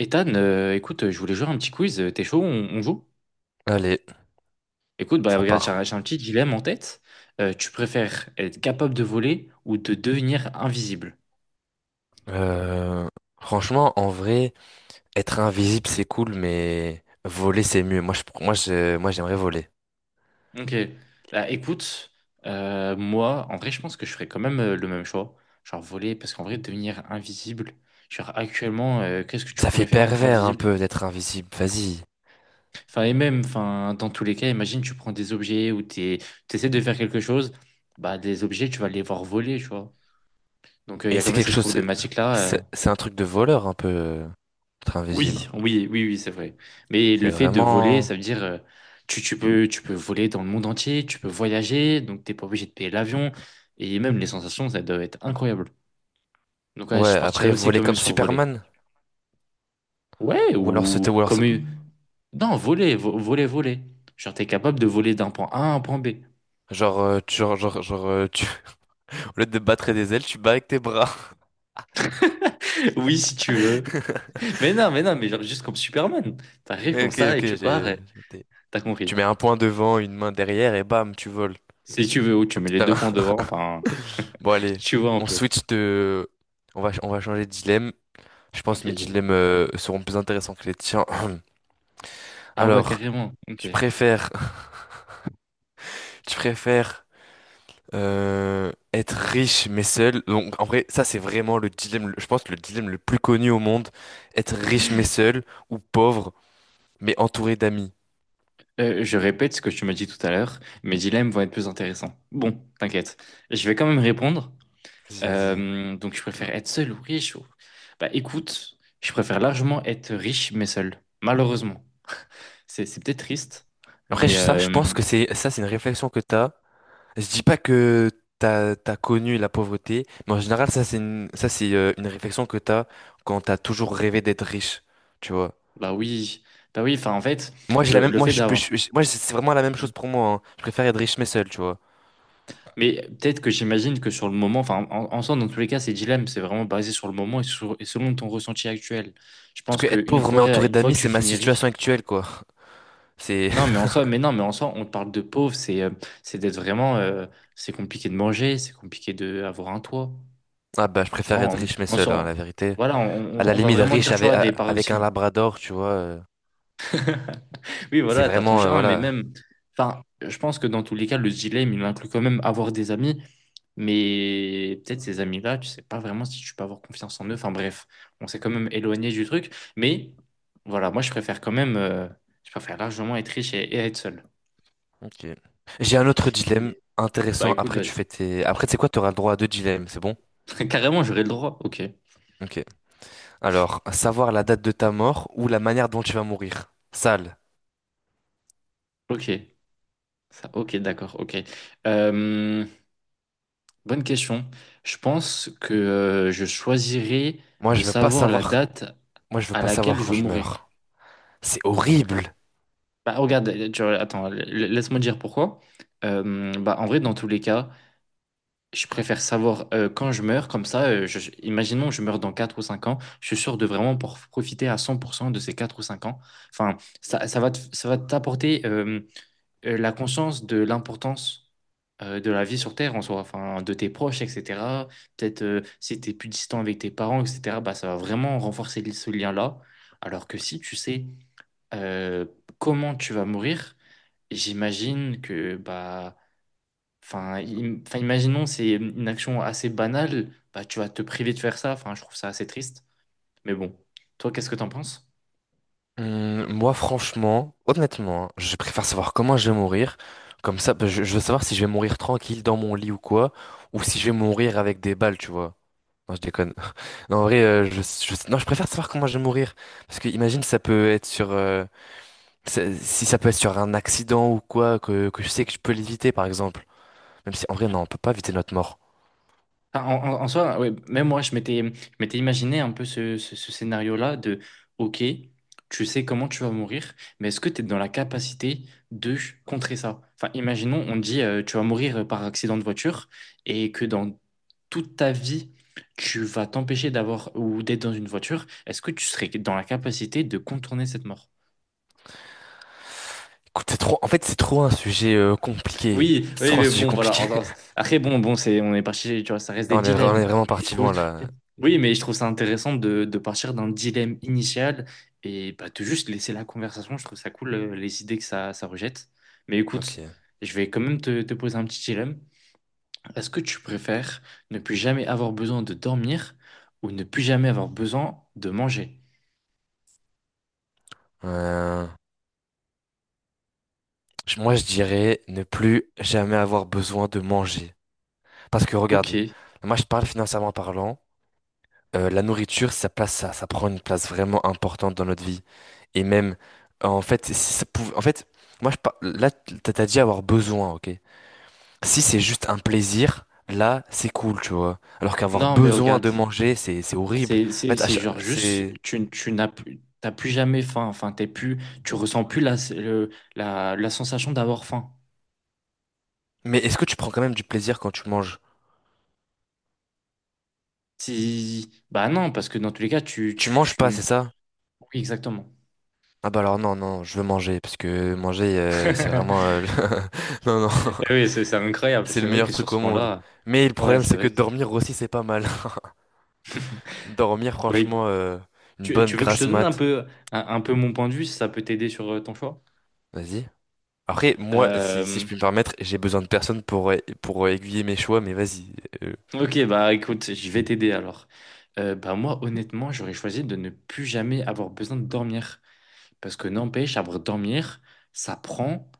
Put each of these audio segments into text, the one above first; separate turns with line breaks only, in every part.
Ethan, écoute, je voulais jouer à un petit quiz. T'es chaud, on joue?
Allez,
Écoute, bah
ça
regarde,
part.
j'ai un petit dilemme en tête. Tu préfères être capable de voler ou de devenir invisible?
Euh, Franchement, en vrai, être invisible, c'est cool, mais voler, c'est mieux. Moi, j'aimerais voler.
Ok. Bah écoute, moi, en vrai, je pense que je ferais quand même le même choix. Genre voler, parce qu'en vrai, devenir invisible, genre actuellement, qu'est-ce que tu
Ça fait
pourrais faire en étant
pervers un
invisible?
peu d'être invisible. Vas-y.
Enfin, et même, enfin, dans tous les cas, imagine, tu prends des objets ou t'es, t'essaies de faire quelque chose, bah des objets, tu vas les voir voler, tu vois. Donc il y
Et
a quand
c'est
même
quelque
cette
chose.
problématique-là.
C'est un truc de voleur un peu, être invisible.
Oui, oui, oui, oui, c'est vrai. Mais
C'est
le fait de voler,
vraiment.
ça veut dire tu, tu peux voler dans le monde entier, tu peux voyager, donc t'es pas obligé de payer l'avion et même les sensations, ça doit être incroyable. Donc ouais, je
Ouais,
partirais
après,
aussi
voler
quand même
comme
sur voler.
Superman.
Ouais,
Ou alors sauter,
ou
ou alors.
comme une- non, voler, voler, voler. Genre t'es capable de voler d'un point A à un point B.
Genre, tu, genre, genre, genre, tu... au lieu de battre des ailes, tu bats avec tes bras.
Oui, si tu veux. Mais non, mais non, mais genre juste comme Superman. T'arrives comme
Ok,
ça
ok,
et tu pars. Et
j'ai capté.
t'as
Tu
compris.
mets un point devant, une main derrière, et bam, tu voles.
Si tu veux, ou
Un
tu mets
petit
les deux
terrain.
points devant, enfin,
Bon, allez,
tu vois un
on
peu.
switch de... on va changer de dilemme. Je pense
Ok,
que mes
j'ai-
dilemmes seront plus intéressants que les tiens.
Ah ouais,
Alors,
carrément. Ok.
tu préfères... Tu préfères être riche mais seul. Donc, en vrai, ça, c'est vraiment je pense le dilemme le plus connu au monde. Être riche mais seul ou pauvre mais entouré d'amis.
Je répète ce que tu m'as dit tout à l'heure, mes dilemmes vont être plus intéressants. Bon, t'inquiète, je vais quand même répondre.
Vas-y, vas-y.
Donc, je préfère être seul ou riche ou- Bah, écoute, je préfère largement être riche mais seul, malheureusement. C'est peut-être triste,
Après,
mais
ça, je pense que ça, c'est une réflexion que t'as. Je dis pas que t'as connu la pauvreté, mais en général, ça c'est une réflexion que t'as quand t'as toujours rêvé d'être riche, tu vois.
bah oui, bah oui. Enfin, en fait,
Moi j'ai la même,
le
moi
fait
je, peux-
d'avoir.
je- moi c'est vraiment la même chose pour moi, hein. Je préfère être riche mais seul, tu vois.
Mais peut-être que j'imagine que sur le moment, enfin, en soi, dans tous les cas, ces dilemmes, c'est vraiment basé sur le moment et, sur- et selon ton ressenti actuel. Je
Parce
pense
que être
qu'une
pauvre mais
fois,
entouré
une fois
d'amis,
que
c'est
tu
ma
finis
situation
riche,
actuelle, quoi. C'est
non, mais en soi, mais non, mais en soi, on te parle de pauvre, c'est d'être vraiment, c'est compliqué de manger, c'est compliqué de avoir un toit.
ah bah je
Tu
préfère
vois,
être
on,
riche mais
on
seul, hein,
s'en-
la vérité.
voilà,
À
on,
la
on va
limite
vraiment
riche
dire, tu vois, des
avec un
paroxysmes.
labrador, tu vois.
Oui,
C'est
voilà, t'as ton
vraiment
chien, mais
voilà.
même, enfin, je pense que dans tous les cas, le dilemme, il inclut quand même avoir des amis, mais peut-être ces amis-là, tu sais pas vraiment si tu peux avoir confiance en eux. Enfin bref, on s'est quand même éloigné du truc, mais voilà, moi, je préfère quand même, je préfère largement être riche et être seul.
Ok. J'ai un autre dilemme
Et- Bah
intéressant.
écoute,
Après tu
vas-y.
fais tes, après c'est quoi? T'auras le droit à deux dilemmes, c'est bon?
Carrément, j'aurais le droit. Ok,
Ok. Alors, savoir la date de ta mort ou la manière dont tu vas mourir. Sale.
ok, ça, ok, d'accord, ok. Euh, Bonne question. Je pense que je choisirais
Moi,
de
je veux pas
savoir la
savoir.
date
Moi, je veux
à
pas
laquelle
savoir quand
je
je
mourrai.
meurs. C'est horrible.
Bah, regarde, tu vois, attends, laisse-moi dire pourquoi. Bah, en vrai, dans tous les cas, je préfère savoir quand je meurs, comme ça, imaginons que je meurs dans 4 ou 5 ans, je suis sûr de vraiment pour profiter à 100% de ces 4 ou 5 ans. Enfin, ça va te- ça va t'apporter. La conscience de l'importance de la vie sur Terre en soi, enfin, de tes proches, etc. Peut-être si tu es plus distant avec tes parents, etc., bah, ça va vraiment renforcer ce lien-là. Alors que si tu sais euh, comment tu vas mourir, j'imagine que, bah, enfin, enfin, imaginons, c'est une action assez banale, bah, tu vas te priver de faire ça. Enfin, je trouve ça assez triste. Mais bon, toi, qu'est-ce que t'en penses?
Moi, franchement, honnêtement, hein, je préfère savoir comment je vais mourir. Comme ça, bah, je veux savoir si je vais mourir tranquille dans mon lit ou quoi, ou si je vais mourir avec des balles, tu vois. Non, je déconne. Non, en vrai, je- non, je préfère savoir comment je vais mourir. Parce que imagine, ça peut être sur, ça- si ça peut être sur un accident ou quoi, que je sais que je peux l'éviter, par exemple. Même si, en vrai, non, on peut pas éviter notre mort.
Enfin, en soi, ouais, même moi, je m'étais imaginé un peu ce scénario-là de, OK, tu sais comment tu vas mourir, mais est-ce que tu es dans la capacité de contrer ça? Enfin, imaginons, on te dit, tu vas mourir par accident de voiture et que dans toute ta vie, tu vas t'empêcher d'avoir ou d'être dans une voiture. Est-ce que tu serais dans la capacité de contourner cette mort?
Écoute, c'est trop un sujet compliqué.
Oui,
C'est
oui,
trop un
mais
sujet
bon, voilà.
compliqué.
Après, bon, bon, c'est, on est parti, tu vois, ça reste des
On est
dilemmes.
vraiment parti loin là.
Oui, mais je trouve ça intéressant de partir d'un dilemme initial et bah, de juste laisser la conversation. Je trouve ça cool, les idées que ça rejette. Mais
Ok.
écoute, je vais quand même te poser un petit dilemme. Est-ce que tu préfères ne plus jamais avoir besoin de dormir ou ne plus jamais avoir besoin de manger?
Euh, Moi, je dirais ne plus jamais avoir besoin de manger. Parce que regarde,
Ok.
moi, je parle financièrement parlant. La nourriture, ça prend une place vraiment importante dans notre vie. Et même, en fait, si ça pouvait, en fait, moi, là, t'as dit avoir besoin, ok? Si c'est juste un plaisir, là, c'est cool, tu vois. Alors qu'avoir
Non, mais
besoin
regarde.
de manger, c'est horrible. En fait, à
C'est
cha-
genre juste,
c'est.
tu n'as plus, t'as plus jamais faim. Enfin, t'es plus, tu ressens plus la, la sensation d'avoir faim.
Mais est-ce que tu prends quand même du plaisir quand tu manges?
Bah non, parce que dans tous les cas,
Tu manges
tu
pas,
ne-
c'est ça?
Oui, exactement.
Ah bah alors non, non, je veux manger, parce que manger, c'est vraiment... Non, non,
Eh oui, c'est incroyable.
c'est le
C'est vrai
meilleur
que sur
truc au
ce
monde.
point-là,
Mais le
ouais,
problème,
c'est
c'est que
vrai que.
dormir aussi, c'est pas mal. Dormir,
Bah, écou-
franchement, une
Tu,
bonne
tu veux que je te
grasse
donne un
mat.
peu, un peu mon point de vue, si ça peut t'aider sur ton choix?
Vas-y. Après, moi, si je
Euh,
puis me permettre, j'ai besoin de personne pour aiguiller mes choix, mais vas-y. euh,
ok, bah écoute, je vais t'aider alors. Bah moi, honnêtement, j'aurais choisi de ne plus jamais avoir besoin de dormir. Parce que n'empêche, à dormir, ça prend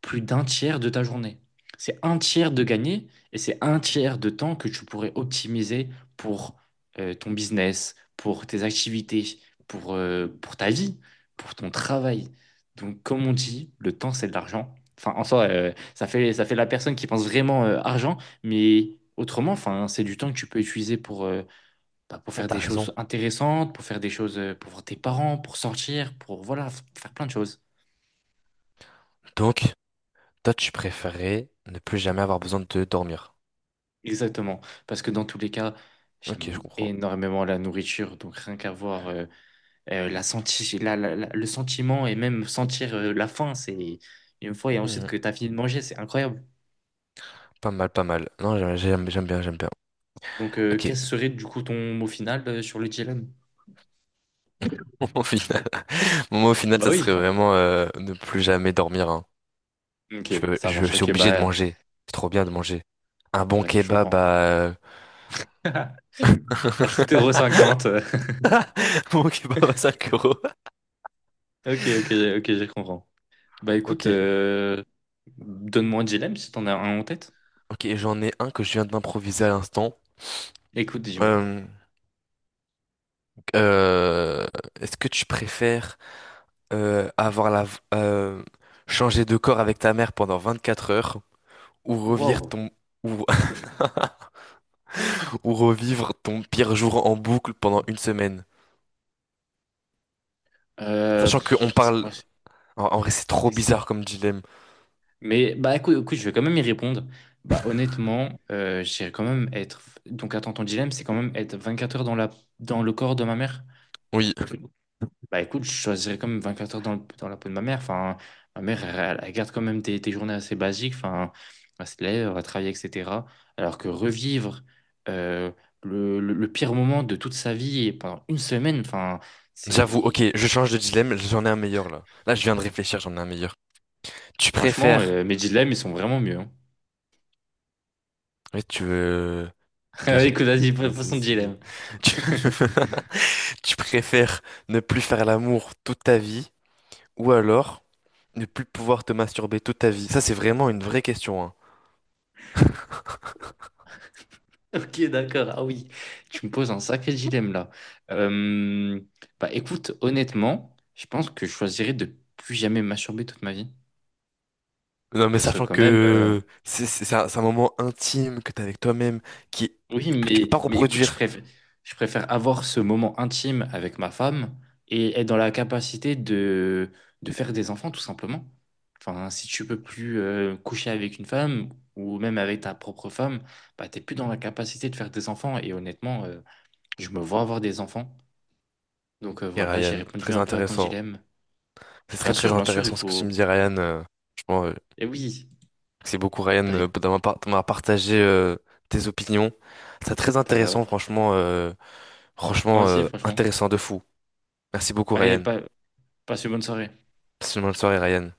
plus d'un tiers de ta journée. C'est un tiers de gagné et c'est un tiers de temps que tu pourrais optimiser pour ton business, pour tes activités, pour ta vie, pour ton travail. Donc, comme on dit, le temps, c'est de l'argent. Enfin, en soi, ça fait la personne qui pense vraiment argent, mais autrement, enfin, c'est du temps que tu peux utiliser pour, bah, pour faire
T'as
des
raison.
choses intéressantes, pour faire des choses, pour voir tes parents, pour sortir, pour voilà, faire plein de choses.
Donc... Toi, tu préférais ne plus jamais avoir besoin de dormir.
Exactement. Parce que dans tous les cas,
Ok, je
j'aime
comprends.
énormément la nourriture. Donc rien qu'à voir la senti la- la- la- le sentiment et même sentir la faim, c'est une fois et ensuite
Mhm.
que tu as fini de manger, c'est incroyable.
Pas mal, pas mal. Non, j'aime, j'aime bien, j'aime bien.
Donc
Ok.
quel serait du coup ton mot final sur le dilemme?
Au final, moi, au final,
Bah
ça
oui,
serait
enfin.
vraiment ne plus jamais dormir, hein.
Ok, ça marche.
Suis
Ok,
obligé de
bah
manger. C'est trop bien de manger. Un bon
ouais, je
kebab
comprends.
à... un
À 7,50 €.
bon kebab à 5 euros.
Ok, ok, ok, je comprends. Bah
Ok.
écoute, donne-moi un dilemme si t'en as un en tête.
Ok, j'en ai un que je viens d'improviser à l'instant.
Écoute, dis-moi.
Euh, euh, Est-ce que tu préfères avoir changer de corps avec ta mère pendant 24 heures ou revivre
Wow.
ton ou, ou revivre ton pire jour en boucle pendant une semaine. Sachant qu'on
Pff, c'est
parle.
quoi?
En vrai, c'est trop
C'est- c'est-
bizarre comme dilemme.
Mais bah écoute, écoute, je vais quand même y répondre. Bah honnêtement, j'irais quand même être. Donc attends, ton dilemme, c'est quand même être 24 heures dans la... dans le corps de ma mère?
Oui,
Bah écoute, je choisirais quand même 24 heures dans la peau de ma mère. Enfin, ma mère, elle, elle garde quand même des journées assez basiques. Enfin, elle se lève, elle va travailler, etc. Alors que revivre euh, le pire moment de toute sa vie et pendant une semaine, enfin,
j'avoue,
c'est...
ok, je change de dilemme, j'en ai un meilleur là. Là, je viens de réfléchir, j'en ai un meilleur. Tu
Franchement,
préfères.
mes dilemmes, ils sont vraiment mieux. Hein.
Oui, tu veux. Ok, j'ai-
Écoute, vas-y,
vas-y,
façon
vas-y.
dilemme.
Tu... tu préfères ne plus faire l'amour toute ta vie ou alors ne plus pouvoir te masturber toute ta vie? Ça, c'est vraiment une vraie question, hein.
Ok, d'accord. Ah oui, tu me poses un sacré dilemme là. Euh, bah écoute, honnêtement, je pense que je choisirais de plus jamais masturber toute ma vie.
Non, mais
Parce que
sachant
quand même,
que c'est un moment intime que t'as avec toi-même qui
oui,
que tu peux pas
mais écoute,
reproduire.
je préfère avoir ce moment intime avec ma femme et être dans la capacité de faire des enfants, tout simplement. Enfin, si tu peux plus coucher avec une femme ou même avec ta propre femme, bah, t'es plus dans la capacité de faire des enfants. Et honnêtement, je me vois avoir des enfants. Donc
Et
voilà, j'ai
Ryan,
répondu
très
un peu à ton
intéressant.
dilemme.
C'est très très
Bien sûr, il
intéressant ce que tu me
faut...
dis, Ryan. Franchement,
Et oui,
c'est beaucoup, Ryan,
bah,
d'avoir partagé tes opinions. C'est très
t'as-
intéressant, franchement,
moi aussi, franchement.
intéressant de fou. Merci beaucoup,
Allez,
Ryan.
passe une bonne soirée.
Passe une bonne soirée, Ryan.